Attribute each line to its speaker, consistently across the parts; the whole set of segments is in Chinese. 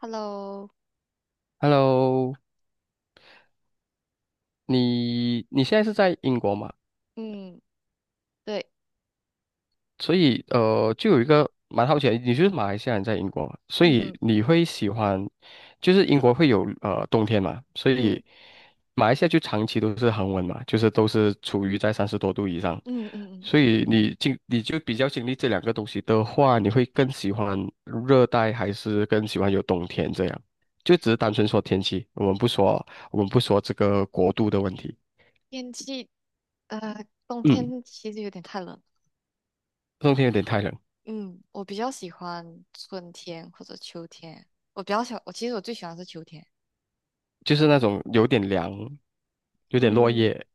Speaker 1: Hello，
Speaker 2: Hello，你现在是在英国嘛？
Speaker 1: 嗯，对，
Speaker 2: 所以就有一个蛮好奇的你就是马来西亚人在英国嘛，所
Speaker 1: 嗯
Speaker 2: 以
Speaker 1: 哼，
Speaker 2: 你会喜欢，就是英国会有冬天嘛，所
Speaker 1: 嗯
Speaker 2: 以马来西亚就长期都是恒温嘛，就是都是处于在三十多度以上，
Speaker 1: 嗯嗯嗯，
Speaker 2: 所以你就比较经历这两个东西的话，你会更喜欢热带还是更喜欢有冬天这样？就只是单纯说天气，我们不说这个国度的问题。
Speaker 1: 天气，冬
Speaker 2: 嗯。
Speaker 1: 天其实有点太冷了。
Speaker 2: 冬天有点太冷，
Speaker 1: 嗯，我比较喜欢春天或者秋天，我其实最喜欢是秋天。
Speaker 2: 就是那种有点凉，有点落
Speaker 1: 嗯。
Speaker 2: 叶。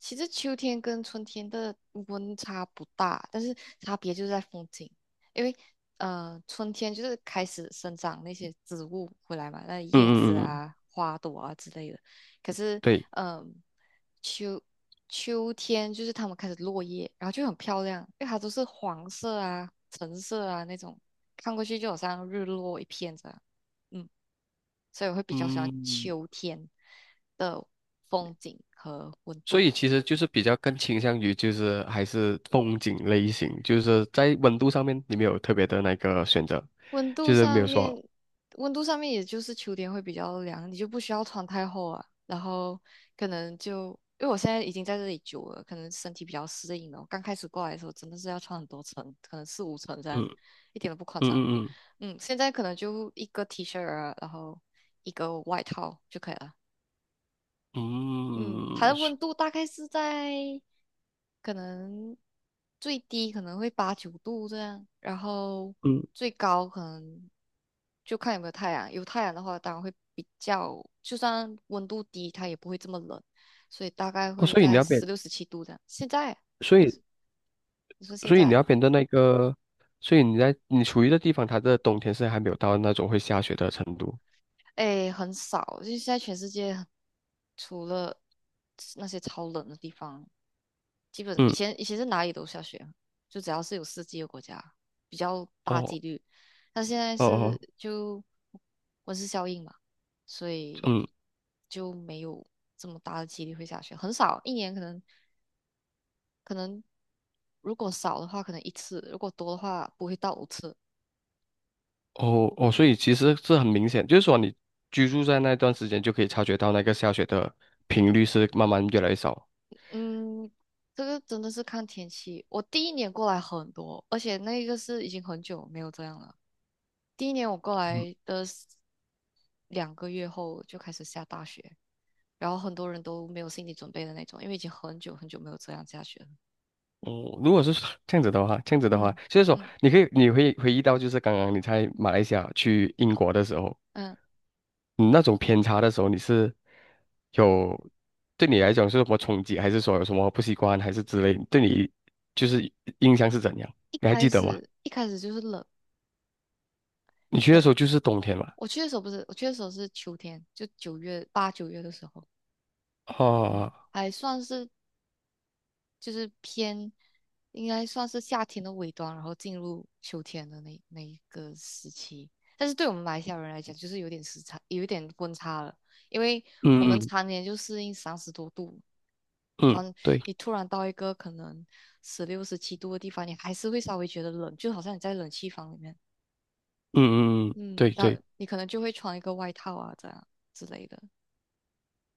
Speaker 1: 其实秋天跟春天的温差不大，但是差别就是在风景，因为春天就是开始生长那些植物回来嘛，那
Speaker 2: 嗯
Speaker 1: 叶子
Speaker 2: 嗯嗯，
Speaker 1: 啊、花朵啊之类的。可是，
Speaker 2: 对，
Speaker 1: 嗯、秋秋天就是它们开始落叶，然后就很漂亮，因为它都是黄色啊、橙色啊那种，看过去就好像日落一片这样。嗯，所以我会比较喜欢
Speaker 2: 嗯，
Speaker 1: 秋天的风景和温
Speaker 2: 所
Speaker 1: 度。
Speaker 2: 以其实就是比较更倾向于就是还是风景类型，就是在温度上面你没有特别的那个选择，
Speaker 1: 温度
Speaker 2: 就是没
Speaker 1: 上
Speaker 2: 有说，
Speaker 1: 面，温度上面也就是秋天会比较凉，你就不需要穿太厚啊。然后可能就因为我现在已经在这里久了，可能身体比较适应了。我刚开始过来的时候真的是要穿很多层，可能4、5层这样，
Speaker 2: 嗯
Speaker 1: 一点都不夸张。
Speaker 2: 嗯嗯
Speaker 1: 嗯，现在可能就一个 T 恤啊，然后一个外套就可以了。嗯，它
Speaker 2: 嗯嗯
Speaker 1: 的温度大概是在可能最低可能会8、9度这样，然后
Speaker 2: 嗯，
Speaker 1: 最高可能就看有没有太阳。有太阳的话，当然会比较，就算温度低，它也不会这么冷，所以大概
Speaker 2: 哦，
Speaker 1: 会
Speaker 2: 所以你
Speaker 1: 在
Speaker 2: 那边，
Speaker 1: 十六、十七度这样。现在，
Speaker 2: 所
Speaker 1: 你说
Speaker 2: 以
Speaker 1: 你说现
Speaker 2: 所以你
Speaker 1: 在，
Speaker 2: 那边的那个，所以你处于的地方，它的冬天是还没有到那种会下雪的程度。
Speaker 1: 哎，很少，就现在全世界除了那些超冷的地方，基本以
Speaker 2: 嗯，
Speaker 1: 前以前是哪里都下雪啊，就只要是有四季的国家，比较大
Speaker 2: 哦
Speaker 1: 几率。但现在
Speaker 2: 哦哦，
Speaker 1: 是就温室效应嘛，所以
Speaker 2: 嗯。
Speaker 1: 就没有这么大的几率会下雪，很少，一年可能如果少的话可能一次，如果多的话不会到5次。
Speaker 2: 哦哦，所以其实是很明显，就是说你居住在那段时间就可以察觉到那个下雪的频率是慢慢越来越少。
Speaker 1: 嗯，这个真的是看天气。我第一年过来很多，而且那个是已经很久没有这样了。第一年我过
Speaker 2: 嗯
Speaker 1: 来的 2个月后就开始下大雪，然后很多人都没有心理准备的那种，因为已经很久很久没有这样下雪了。
Speaker 2: 哦，如果是这样子的话，
Speaker 1: 嗯
Speaker 2: 就是说
Speaker 1: 嗯
Speaker 2: 你可以你会回忆到，就是刚刚你在马来西亚去英国的时候，
Speaker 1: 嗯，
Speaker 2: 你那种偏差的时候，你是有对你来讲是有什么冲击，还是说有什么不习惯，还是之类，对你就是印象是怎样？
Speaker 1: 一
Speaker 2: 你还
Speaker 1: 开
Speaker 2: 记得吗？
Speaker 1: 始一开始就是冷，
Speaker 2: 你去的时
Speaker 1: 对，
Speaker 2: 候就是冬天嘛？
Speaker 1: 我去的时候不是，我去的时候是秋天，就8、9月的时候，嗯，
Speaker 2: 哦，
Speaker 1: 还算是就是偏应该算是夏天的尾端，然后进入秋天的那一个时期。但是对我们马来西亚人来讲，就是有点时差，有一点温差了，因为我
Speaker 2: 嗯
Speaker 1: 们
Speaker 2: 嗯
Speaker 1: 常年就适应30多度，然
Speaker 2: 嗯，
Speaker 1: 后
Speaker 2: 对。
Speaker 1: 你突然到一个可能十六、十七度的地方，你还是会稍微觉得冷，就好像你在冷气房里面，
Speaker 2: 嗯嗯嗯，
Speaker 1: 嗯，
Speaker 2: 对
Speaker 1: 然后
Speaker 2: 对，
Speaker 1: 你可能就会穿一个外套啊，这样之类的。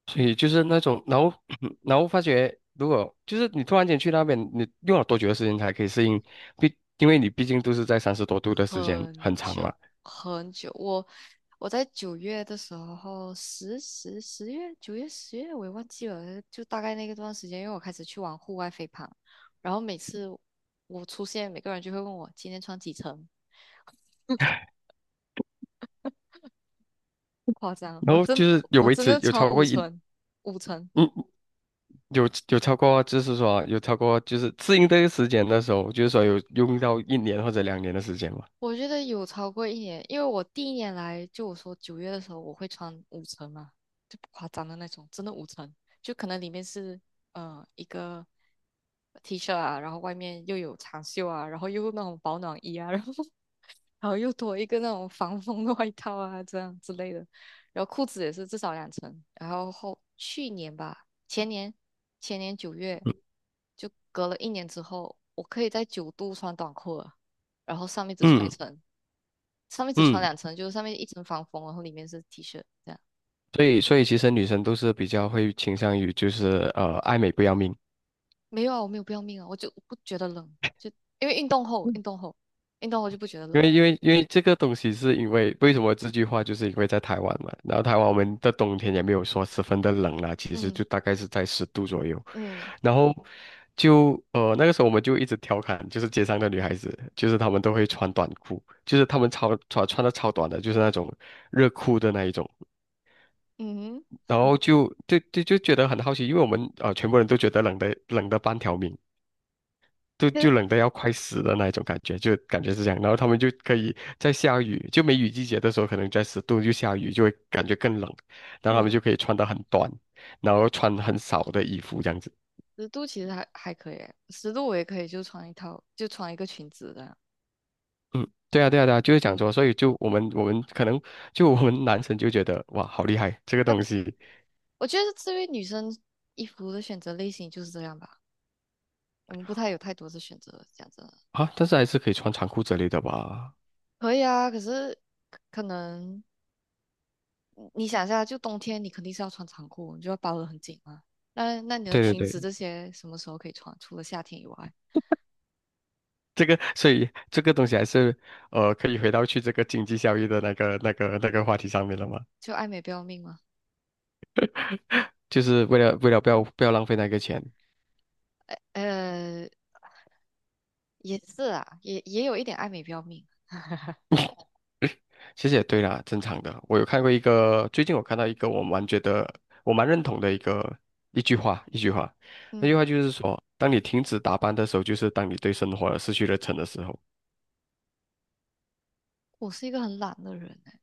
Speaker 2: 所
Speaker 1: 嗯
Speaker 2: 以就是那种，然后 然后发觉，如果就是你突然间去那边，你用了多久的时间才可以适应？因为你毕竟都是在三十多度的时间很
Speaker 1: 很
Speaker 2: 长
Speaker 1: 久
Speaker 2: 嘛，
Speaker 1: 很久，我在九月的时候，十月九月十月我也忘记了，就大概那个段时间，因为我开始去玩户外飞盘，然后每次我出现，每个人就会问我今天穿几层，不夸张，
Speaker 2: 然后就是有
Speaker 1: 我
Speaker 2: 维
Speaker 1: 真
Speaker 2: 持
Speaker 1: 的
Speaker 2: 有
Speaker 1: 穿
Speaker 2: 超
Speaker 1: 五
Speaker 2: 过一
Speaker 1: 层，五层。
Speaker 2: 嗯有超过就是说有超过就是适应这个时间的时候，就是说有用到一年或者2年的时间嘛。
Speaker 1: 我觉得有超过一年，因为我第一年来，就我说九月的时候，我会穿五层嘛，就不夸张的那种，真的五层，就可能里面是一个 T 恤啊，然后外面又有长袖啊，然后又那种保暖衣啊，然后 然后又多一个那种防风的外套啊，这样之类的，然后裤子也是至少两层，然后去年吧，前年九月
Speaker 2: 嗯
Speaker 1: 就隔了一年之后，我可以在九度穿短裤了，然后上面只穿一
Speaker 2: 嗯
Speaker 1: 层。上面只穿
Speaker 2: 嗯，
Speaker 1: 两层，就是上面一层防风，然后里面是 T 恤这样。
Speaker 2: 所以其实女生都是比较会倾向于就是爱美不要命。
Speaker 1: 没有啊，我没有不要命啊，我就不觉得冷，就因为运动后就不觉得
Speaker 2: 因
Speaker 1: 冷。
Speaker 2: 为因为因为这个东西是因为为什么这句话就是因为在台湾嘛，然后台湾我们的冬天也没有说十分的冷啦，其实
Speaker 1: 嗯
Speaker 2: 就大概是在十度左右，
Speaker 1: 嗯
Speaker 2: 然后就那个时候我们就一直调侃，就是街上的女孩子，就是她们都会穿短裤，就是她们穿的超短的，就是那种热裤的那一种，
Speaker 1: 嗯，
Speaker 2: 然后就觉得很好奇，因为我们全部人都觉得冷的半条命，就
Speaker 1: 其
Speaker 2: 就
Speaker 1: 实
Speaker 2: 冷得要快死的那一种感觉，就感觉是这样。然后他们就可以在下雨，就梅雨季节的时候，可能在十度就下雨，就会感觉更冷。然后他们
Speaker 1: 嗯，
Speaker 2: 就可以穿得很短，然后穿很少的衣服这样子。
Speaker 1: 十度其实还可以欸十度我也可以就穿一套，就穿一个裙子这样。
Speaker 2: 嗯，对啊，对啊，对啊，就是讲
Speaker 1: 嗯，
Speaker 2: 说，所以就我们可能就我们男生就觉得哇，好厉害这个
Speaker 1: 要
Speaker 2: 东西
Speaker 1: 我觉得至于女生衣服的选择类型就是这样吧，我们不太有太多的选择，讲真的。
Speaker 2: 啊，但是还是可以穿长裤之类的吧。
Speaker 1: 可以啊，可是可能。你想一下，就冬天你肯定是要穿长裤，你就要包得很紧嘛。那你的
Speaker 2: 对
Speaker 1: 裙
Speaker 2: 对
Speaker 1: 子
Speaker 2: 对，
Speaker 1: 这些什么时候可以穿？除了夏天以外，
Speaker 2: 这个，所以这个东西还是，可以回到去这个经济效益的那个话题上面了嘛？
Speaker 1: 就爱美不要命吗？
Speaker 2: 就是为了不要浪费那个钱，
Speaker 1: 呃，也是啊，也有一点爱美不要命。
Speaker 2: 其实也对啦，正常的。我有看过一个，最近我看到一个我蛮认同的一句话，那句
Speaker 1: 嗯，
Speaker 2: 话就是说，当你停止打扮的时候，就是当你对生活失去了忱的时候。
Speaker 1: 我是一个很懒的人哎。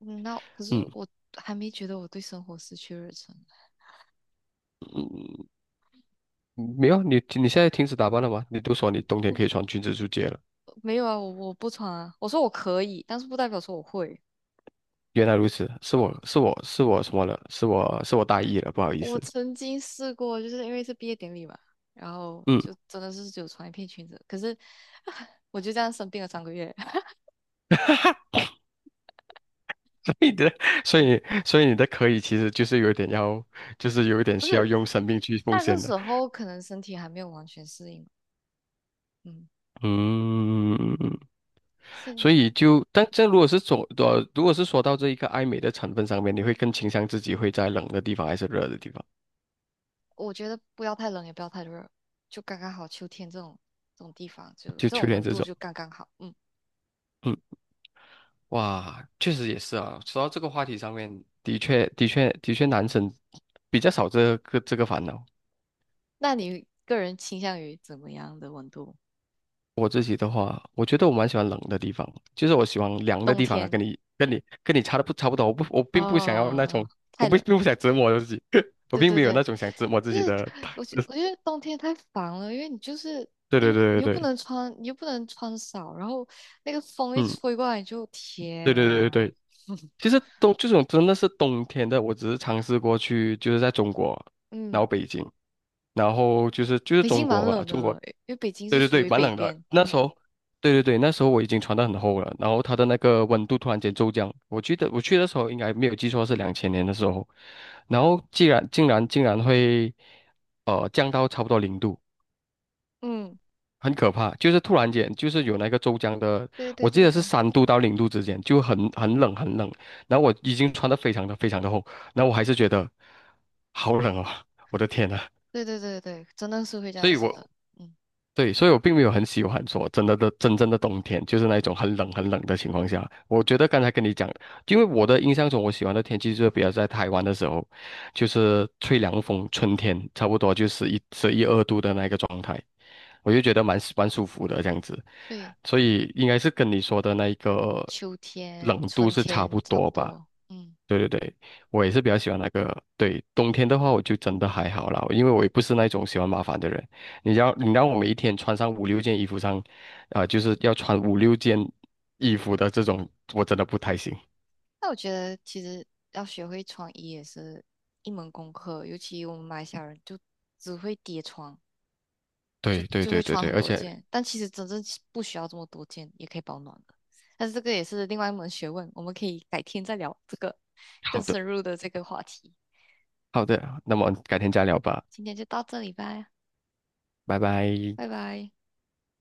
Speaker 1: 嗯，那可是
Speaker 2: 嗯
Speaker 1: 我还没觉得我对生活失去热忱。
Speaker 2: 嗯，没有，你现在停止打扮了吗？你都说你冬天
Speaker 1: 不，
Speaker 2: 可以穿裙子出街了，
Speaker 1: 没有啊，我不穿啊。我说我可以，但是不代表说我会。
Speaker 2: 原来如此，是我是我是我什么了？是我大意了，不好意
Speaker 1: 我
Speaker 2: 思。
Speaker 1: 曾经试过，就是因为是毕业典礼嘛，然后
Speaker 2: 嗯。
Speaker 1: 就真的是只有穿一片裙子，可是 我就这样生病了3个月。
Speaker 2: 你的，所
Speaker 1: 嗯
Speaker 2: 以所以你的可以其实就是有点要，就是有一点
Speaker 1: 不
Speaker 2: 需要
Speaker 1: 是
Speaker 2: 用生命去奉
Speaker 1: 那个
Speaker 2: 献的。
Speaker 1: 时候可能身体还没有完全适应，嗯，
Speaker 2: 嗯，所
Speaker 1: 现
Speaker 2: 以就，但这如果是说，如果是说到这一个爱美的成分上面，你会更倾向自己会在冷的地方还是热的地方？
Speaker 1: 我觉得不要太冷，也不要太热，就刚刚好。秋天这种地方，就
Speaker 2: 就
Speaker 1: 这
Speaker 2: 秋
Speaker 1: 种
Speaker 2: 天
Speaker 1: 温
Speaker 2: 这
Speaker 1: 度
Speaker 2: 种，
Speaker 1: 就刚刚好。嗯，
Speaker 2: 嗯，哇，确实也是啊。说到这个话题上面，的确，的确，的确，男生比较少这个烦恼。
Speaker 1: 那你个人倾向于怎么样的温度？
Speaker 2: 我自己的话，我觉得我蛮喜欢冷的地方，就是我喜欢凉的
Speaker 1: 冬
Speaker 2: 地方啊，
Speaker 1: 天，
Speaker 2: 跟你差不多。我并不想要那种，
Speaker 1: 哦，
Speaker 2: 我
Speaker 1: 太
Speaker 2: 不
Speaker 1: 冷。
Speaker 2: 并不想折磨我自己，我
Speaker 1: 对
Speaker 2: 并
Speaker 1: 对
Speaker 2: 没有那
Speaker 1: 对，
Speaker 2: 种想折磨自
Speaker 1: 不
Speaker 2: 己
Speaker 1: 是，
Speaker 2: 的。
Speaker 1: 我觉得冬天太烦了，因为你就是
Speaker 2: 对对对对
Speaker 1: 你又不
Speaker 2: 对，
Speaker 1: 能穿，你又不能穿少，然后那个风一
Speaker 2: 嗯，
Speaker 1: 吹过来，你就
Speaker 2: 对
Speaker 1: 天
Speaker 2: 对
Speaker 1: 啊，
Speaker 2: 对对对。其 实这种真的是冬天的，我只是尝试过去，就是在中国，然后
Speaker 1: 嗯。
Speaker 2: 北京，然后就是
Speaker 1: 北
Speaker 2: 中
Speaker 1: 京
Speaker 2: 国
Speaker 1: 蛮
Speaker 2: 吧，
Speaker 1: 冷的
Speaker 2: 中国
Speaker 1: 了，因为北京
Speaker 2: 对
Speaker 1: 是
Speaker 2: 对
Speaker 1: 属
Speaker 2: 对，
Speaker 1: 于
Speaker 2: 蛮
Speaker 1: 北
Speaker 2: 冷的。
Speaker 1: 边。
Speaker 2: 那时
Speaker 1: 嗯
Speaker 2: 候，对对对，那时候我已经穿得很厚了，然后它的那个温度突然间骤降。我记得我去的时候应该没有记错是2000年的时候，然后竟然会降到差不多零度，
Speaker 1: 嗯，
Speaker 2: 很可怕。就是突然间就是有那个骤降的，
Speaker 1: 对
Speaker 2: 我
Speaker 1: 对
Speaker 2: 记
Speaker 1: 对
Speaker 2: 得是
Speaker 1: 对
Speaker 2: 3度到0度之间，就很冷很冷。然后我已经穿得非常的非常的厚，然后我还是觉得好冷哦，我的天呐！
Speaker 1: 对对对对，真的是会这
Speaker 2: 所
Speaker 1: 样
Speaker 2: 以
Speaker 1: 子
Speaker 2: 我
Speaker 1: 的。嗯，
Speaker 2: 对，所以我并没有很喜欢说真的真正的冬天，就是那一种很冷很冷的情况下。我觉得刚才跟你讲，因为我的印象中，我喜欢的天气就是比较在台湾的时候，就是吹凉风，春天差不多就是一十一二度的那个状态，我就觉得蛮舒服的这样子。
Speaker 1: 对，
Speaker 2: 所以应该是跟你说的那一个
Speaker 1: 秋
Speaker 2: 冷
Speaker 1: 天、
Speaker 2: 度
Speaker 1: 春
Speaker 2: 是差
Speaker 1: 天
Speaker 2: 不
Speaker 1: 差不
Speaker 2: 多吧。
Speaker 1: 多。嗯，
Speaker 2: 对对对，我也是比较喜欢那个。对，冬天的话，我就真的还好啦，因为我也不是那种喜欢麻烦的人。你要你让我每一天穿上五六件衣服上，啊、就是要穿五六件衣服的这种，我真的不太行。
Speaker 1: 那我觉得其实要学会穿衣也是一门功课，尤其我们马来西亚人就只会叠穿，就
Speaker 2: 对对
Speaker 1: 就会
Speaker 2: 对对
Speaker 1: 穿
Speaker 2: 对，
Speaker 1: 很
Speaker 2: 而
Speaker 1: 多
Speaker 2: 且
Speaker 1: 件，但其实真正是不需要这么多件也可以保暖的。但是这个也是另外一门学问，我们可以改天再聊这个更
Speaker 2: 好的
Speaker 1: 深入的这个话题。
Speaker 2: 好的，那么改天再聊吧，
Speaker 1: 今天就到这里吧。
Speaker 2: 拜拜。
Speaker 1: 拜拜。